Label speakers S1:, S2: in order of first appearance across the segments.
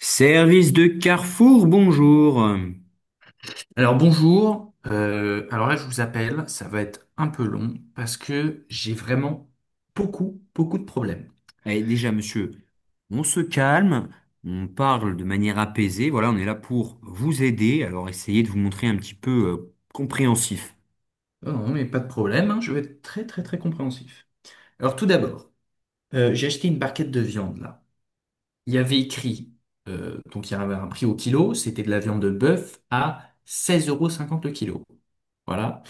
S1: Service de Carrefour, bonjour.
S2: Alors bonjour. Alors là je vous appelle, ça va être un peu long parce que j'ai vraiment beaucoup, beaucoup de problèmes.
S1: Eh, déjà, monsieur, on se calme, on parle de manière apaisée. Voilà, on est là pour vous aider. Alors, essayez de vous montrer un petit peu compréhensif.
S2: Oh non mais pas de problème, hein, je vais être très très très compréhensif. Alors tout d'abord, j'ai acheté une barquette de viande là. Il y avait écrit, donc il y avait un prix au kilo, c'était de la viande de bœuf à 16,50 € le kilo. Voilà.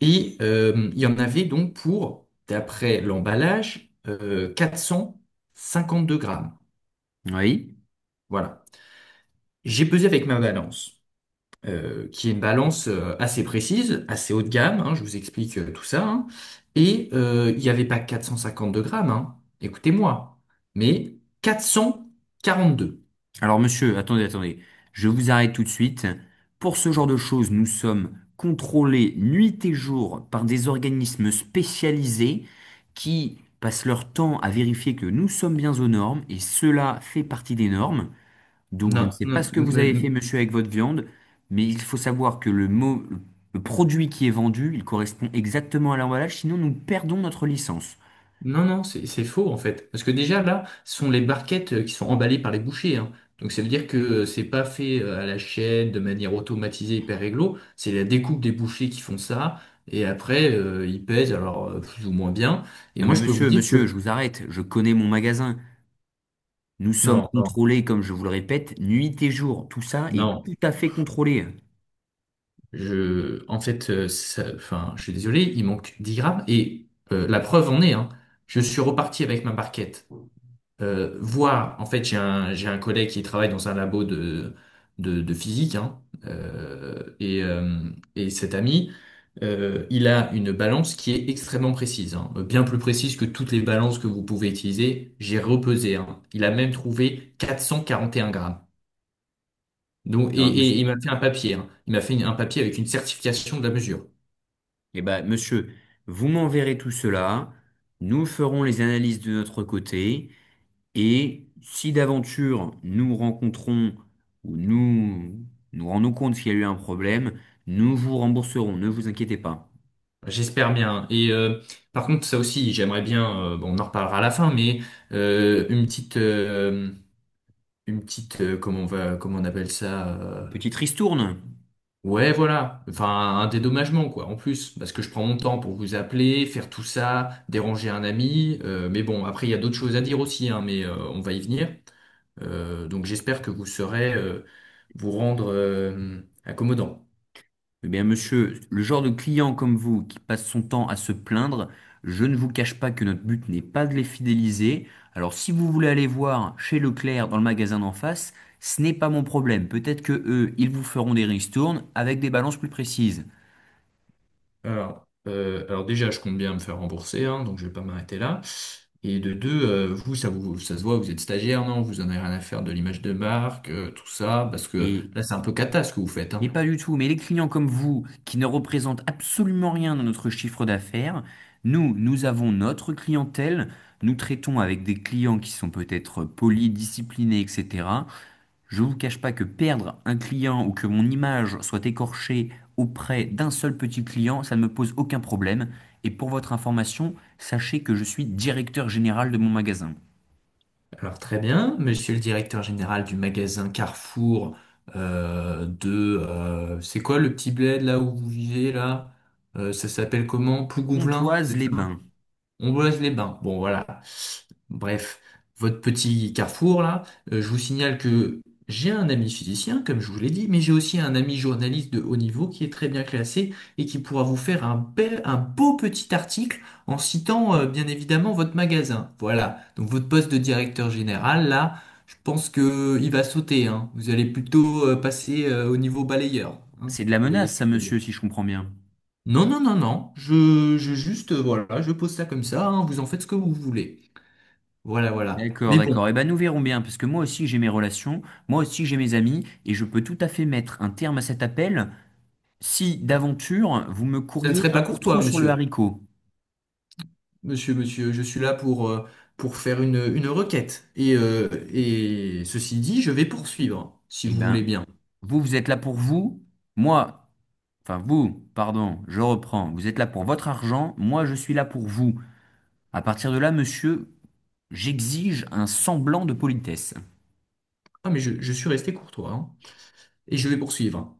S2: Et il y en avait donc pour, d'après l'emballage, 2 grammes.
S1: Oui.
S2: Voilà. J'ai pesé avec ma balance, qui est une balance assez précise, assez haut de gamme, hein, je vous explique tout ça, hein. Et il n'y avait pas 452 grammes, hein, écoutez-moi, mais 442.
S1: Alors, monsieur, attendez, attendez. Je vous arrête tout de suite. Pour ce genre de choses, nous sommes contrôlés nuit et jour par des organismes spécialisés qui passent leur temps à vérifier que nous sommes bien aux normes, et cela fait partie des normes. Donc, je ne
S2: Non,
S1: sais pas
S2: non,
S1: ce que
S2: m-
S1: vous avez fait,
S2: m-
S1: monsieur, avec votre viande, mais il faut savoir que le mot, le produit qui est vendu, il correspond exactement à l'emballage, sinon nous perdons notre licence.
S2: Non, non, c'est faux en fait. Parce que déjà là, ce sont les barquettes qui sont emballées par les bouchers, hein. Donc ça veut dire que c'est pas fait à la chaîne de manière automatisée, hyper réglo. C'est la découpe des bouchers qui font ça. Et après, ils pèsent alors plus ou moins bien. Et
S1: Non
S2: moi,
S1: mais
S2: je peux vous
S1: monsieur,
S2: dire que
S1: monsieur, je vous arrête, je connais mon magasin. Nous sommes
S2: non, non,
S1: contrôlés, comme je vous le répète, nuit et jour. Tout ça est
S2: non.
S1: tout à fait contrôlé.
S2: En fait, enfin, je suis désolé, il manque 10 grammes. Et la preuve en est, hein. Je suis reparti avec ma barquette, voir, en fait, j'ai un collègue qui travaille dans un labo de physique, hein, euh, et, euh, et cet ami, il a une balance qui est extrêmement précise, hein, bien plus précise que toutes les balances que vous pouvez utiliser. J'ai repesé, hein. Il a même trouvé 441 grammes. Donc,
S1: Non, monsieur.
S2: et il m'a fait un papier, hein. Il m'a fait un papier avec une certification de la mesure.
S1: Eh ben, monsieur, vous m'enverrez tout cela, nous ferons les analyses de notre côté, et si d'aventure nous rencontrons ou nous nous rendons compte qu'il y a eu un problème, nous vous rembourserons, ne vous inquiétez pas.
S2: J'espère bien. Et par contre, ça aussi, j'aimerais bien, bon, on en reparlera à la fin, mais euh, une petite, euh, une petite, comment on appelle ça,
S1: Une petite ristourne?
S2: ouais, voilà, enfin, un dédommagement, quoi, en plus, parce que je prends mon temps pour vous appeler, faire tout ça, déranger un ami, mais bon, après, il y a d'autres choses à dire aussi, hein, mais on va y venir. Donc, j'espère que vous saurez vous rendre accommodant.
S1: Eh bien, monsieur, le genre de client comme vous qui passe son temps à se plaindre, je ne vous cache pas que notre but n'est pas de les fidéliser. Alors, si vous voulez aller voir chez Leclerc dans le magasin d'en face, ce n'est pas mon problème. Peut-être que eux, ils vous feront des ristournes avec des balances plus précises.
S2: Alors, déjà, je compte bien me faire rembourser, hein, donc je vais pas m'arrêter là. Et de deux, vous, ça se voit, vous êtes stagiaire, non? Vous en avez rien à faire de l'image de marque, tout ça, parce que
S1: Et
S2: là, c'est un peu cata ce que vous faites,
S1: mais
S2: hein.
S1: pas du tout. Mais les clients comme vous, qui ne représentent absolument rien dans notre chiffre d'affaires, nous avons notre clientèle, nous traitons avec des clients qui sont peut-être polis, disciplinés, etc. Je vous cache pas que perdre un client ou que mon image soit écorchée auprès d'un seul petit client, ça ne me pose aucun problème. Et pour votre information, sachez que je suis directeur général de mon magasin.
S2: Alors très bien, monsieur le directeur général du magasin Carrefour de... c'est quoi le petit bled là où vous vivez là? Ça s'appelle comment? Plougonvelin, c'est ça?
S1: Pontoise-les-Bains.
S2: On boise les bains. Bon, voilà. Bref, votre petit carrefour là, je vous signale que j'ai un ami physicien, comme je vous l'ai dit, mais j'ai aussi un ami journaliste de haut niveau qui est très bien classé et qui pourra vous faire un beau petit article en citant bien évidemment votre magasin. Voilà. Donc votre poste de directeur général là, je pense que il va sauter, hein. Vous allez plutôt passer au niveau balayeur, hein, si
S1: C'est de la
S2: vous voyez
S1: menace,
S2: ce que
S1: ça,
S2: je veux
S1: monsieur, si
S2: dire.
S1: je comprends bien.
S2: Non, non, non, non. Je juste, voilà, je pose ça comme ça, hein, vous en faites ce que vous voulez. Voilà, voilà.
S1: D'accord,
S2: Mais bon,
S1: d'accord. Eh ben, nous verrons bien, parce que moi aussi j'ai mes relations, moi aussi j'ai mes amis, et je peux tout à fait mettre un terme à cet appel si d'aventure vous me
S2: ça ne
S1: courriez
S2: serait
S1: un
S2: pas
S1: peu trop
S2: courtois,
S1: sur le
S2: monsieur.
S1: haricot.
S2: Monsieur, monsieur, je suis là pour faire une requête. Et ceci dit, je vais poursuivre, si
S1: Eh
S2: vous voulez
S1: ben,
S2: bien.
S1: vous êtes là pour vous, moi, enfin vous, pardon, je reprends, vous êtes là pour votre argent, moi je suis là pour vous. À partir de là, monsieur, j'exige un semblant de politesse.
S2: Ah, mais je suis resté courtois, hein. Et je vais poursuivre.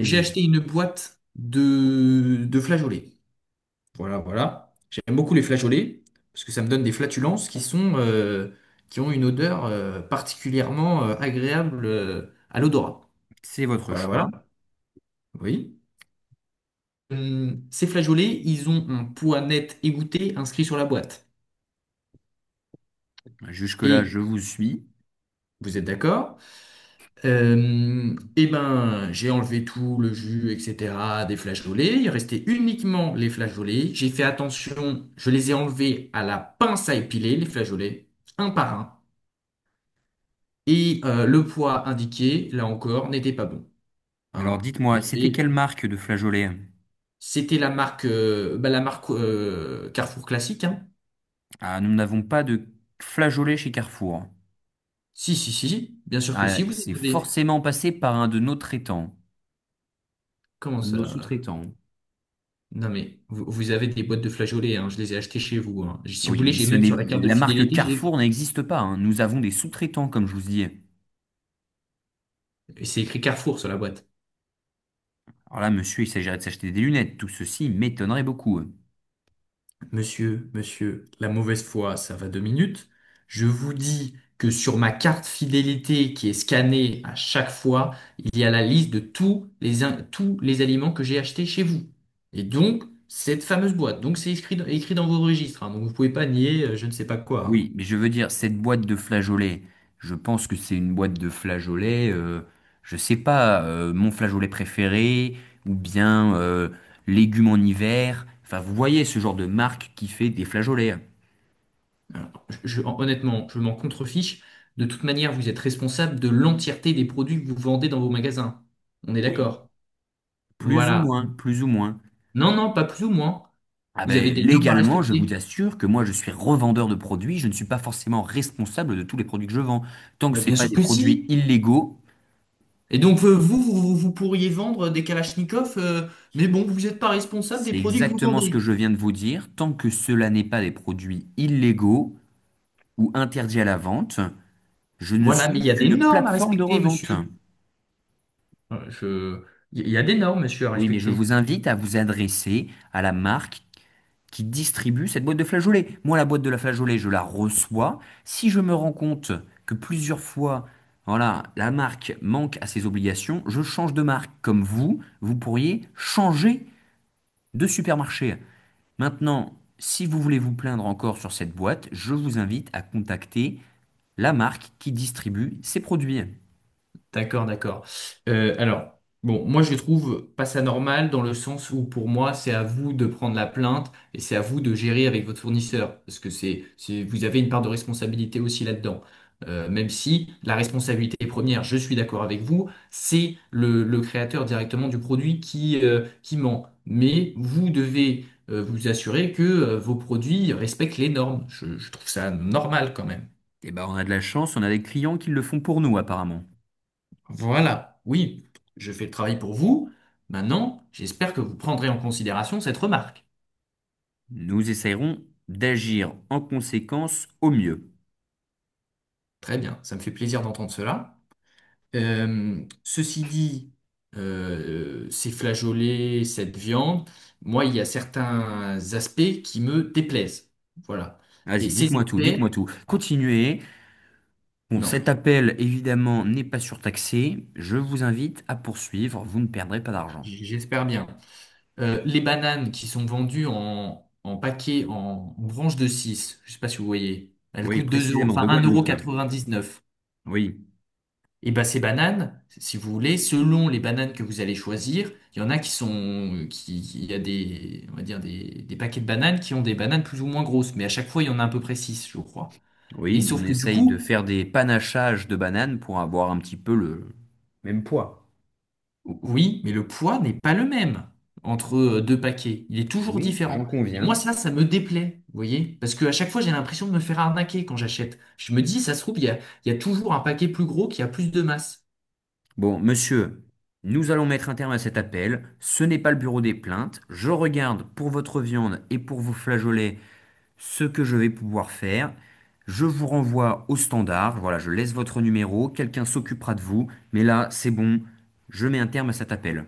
S2: J'ai acheté une boîte de flageolets. Voilà, voilà. J'aime beaucoup les flageolets parce que ça me donne des flatulences qui sont, qui ont une odeur particulièrement agréable à l'odorat.
S1: C'est votre
S2: Voilà,
S1: choix.
S2: voilà. Oui. Ces flageolets, ils ont un poids net égoutté inscrit sur la boîte.
S1: Jusque-là,
S2: Et
S1: je vous suis.
S2: vous êtes d'accord? Eh ben, j'ai enlevé tout le jus, etc. des flageolets. Il restait uniquement les flageolets. J'ai fait attention. Je les ai enlevés à la pince à épiler, les flageolets, un par un. Et le poids indiqué, là encore, n'était pas bon,
S1: Alors
S2: hein. Il
S1: dites-moi,
S2: y
S1: c'était
S2: avait,
S1: quelle marque de flageolet?
S2: c'était la marque, bah, la marque Carrefour classique, hein.
S1: Ah, nous n'avons pas de flageolet chez Carrefour.
S2: Si, si, si, bien sûr que
S1: Ah,
S2: si. Vous
S1: c'est
S2: en avez.
S1: forcément passé par un de nos traitants,
S2: Comment
S1: un de nos
S2: ça?
S1: sous-traitants.
S2: Non mais vous avez des boîtes de flageolets, hein. Je les ai achetées chez vous, hein. Si vous
S1: Oui,
S2: voulez,
S1: mais
S2: j'ai
S1: ce
S2: même
S1: n'est-
S2: sur la carte de
S1: la marque
S2: fidélité, j'ai-
S1: Carrefour n'existe pas, hein. Nous avons des sous-traitants, comme je vous dis.
S2: c'est écrit Carrefour sur la boîte.
S1: Alors là, monsieur, il s'agirait de s'acheter des lunettes. Tout ceci m'étonnerait beaucoup.
S2: Monsieur, monsieur, la mauvaise foi, ça va 2 minutes. Je vous dis que sur ma carte fidélité qui est scannée à chaque fois, il y a la liste de tous les, tous les aliments que j'ai achetés chez vous. Et donc, cette fameuse boîte. Donc, écrit dans vos registres, hein. Donc, vous pouvez pas nier je ne sais pas quoi, hein.
S1: Oui, mais je veux dire, cette boîte de flageolets, je pense que c'est une boîte de flageolets, je sais pas, mon flageolet préféré, ou bien légumes en hiver. Enfin, vous voyez ce genre de marque qui fait des flageolets.
S2: Alors, honnêtement, je m'en contrefiche. De toute manière, vous êtes responsable de l'entièreté des produits que vous vendez dans vos magasins. On est
S1: Oui,
S2: d'accord?
S1: plus ou
S2: Voilà.
S1: moins, plus ou moins.
S2: Non, non, pas plus ou moins.
S1: Ah
S2: Vous avez
S1: ben,
S2: des normes à
S1: légalement, je vous
S2: respecter.
S1: assure que moi, je suis revendeur de produits, je ne suis pas forcément responsable de tous les produits que je vends. Tant que
S2: Bah,
S1: ce n'est
S2: bien
S1: pas
S2: sûr
S1: des
S2: que
S1: produits
S2: si.
S1: illégaux,
S2: Et donc, pourriez vendre des Kalachnikov, mais bon, vous n'êtes pas responsable des
S1: c'est
S2: produits que vous
S1: exactement ce que
S2: vendez.
S1: je viens de vous dire, tant que cela n'est pas des produits illégaux ou interdits à la vente, je ne
S2: Voilà, mais il
S1: suis
S2: y a des
S1: qu'une
S2: normes à
S1: plateforme de
S2: respecter,
S1: revente.
S2: monsieur. Je... Il y a des normes, monsieur, à
S1: Oui, mais je
S2: respecter.
S1: vous invite à vous adresser à la marque qui distribue cette boîte de flageolets. Moi, la boîte de la flageolet, je la reçois. Si je me rends compte que plusieurs fois, voilà, la marque manque à ses obligations, je change de marque. Comme vous, vous pourriez changer de supermarché. Maintenant, si vous voulez vous plaindre encore sur cette boîte, je vous invite à contacter la marque qui distribue ces produits.
S2: D'accord, d'accord. Alors, bon, moi je trouve pas ça normal dans le sens où pour moi c'est à vous de prendre la plainte et c'est à vous de gérer avec votre fournisseur parce que vous avez une part de responsabilité aussi là-dedans. Même si la responsabilité première, je suis d'accord avec vous, c'est le créateur directement du produit qui ment. Mais vous devez vous assurer que vos produits respectent les normes. Je trouve ça normal quand même.
S1: Et ben, on a de la chance, on a des clients qui le font pour nous, apparemment.
S2: Voilà, oui, je fais le travail pour vous. Maintenant, j'espère que vous prendrez en considération cette remarque.
S1: Nous essaierons d'agir en conséquence au mieux.
S2: Très bien, ça me fait plaisir d'entendre cela. Ceci dit, ces flageolets, cette viande, moi, il y a certains aspects qui me déplaisent. Voilà. Et
S1: Vas-y,
S2: ces
S1: dites-moi tout, dites-moi
S2: aspects,
S1: tout. Continuez. Bon,
S2: non,
S1: cet
S2: mais
S1: appel, évidemment, n'est pas surtaxé. Je vous invite à poursuivre. Vous ne perdrez pas d'argent.
S2: j'espère bien. Les bananes qui sont vendues en paquet, en branche de 6, je ne sais pas si vous voyez, elles
S1: Oui,
S2: coûtent 2 euros,
S1: précisément,
S2: enfin
S1: de
S2: un euro
S1: Guadeloupe.
S2: quatre-vingt-dix-neuf.
S1: Oui,
S2: Et ben ces bananes, si vous voulez, selon les bananes que vous allez choisir, il y en a qui sont, qui- il y a des, on va dire des paquets de bananes qui ont des bananes plus ou moins grosses, mais à chaque fois il y en a à peu près 6, je crois. Et
S1: oui, on
S2: sauf que du
S1: essaye de
S2: coup,
S1: faire des panachages de bananes pour avoir un petit peu le même poids.
S2: oui, mais le poids n'est pas le même entre 2 paquets. Il est toujours
S1: Oui, j'en
S2: différent. Et moi,
S1: conviens.
S2: ça me déplaît, vous voyez? Parce qu'à chaque fois, j'ai l'impression de me faire arnaquer quand j'achète. Je me dis, ça se trouve, il y a toujours un paquet plus gros qui a plus de masse.
S1: Bon, monsieur, nous allons mettre un terme à cet appel. Ce n'est pas le bureau des plaintes. Je regarde pour votre viande et pour vos flageolets ce que je vais pouvoir faire. Je vous renvoie au standard. Voilà, je laisse votre numéro. Quelqu'un s'occupera de vous. Mais là, c'est bon. Je mets un terme à cet appel.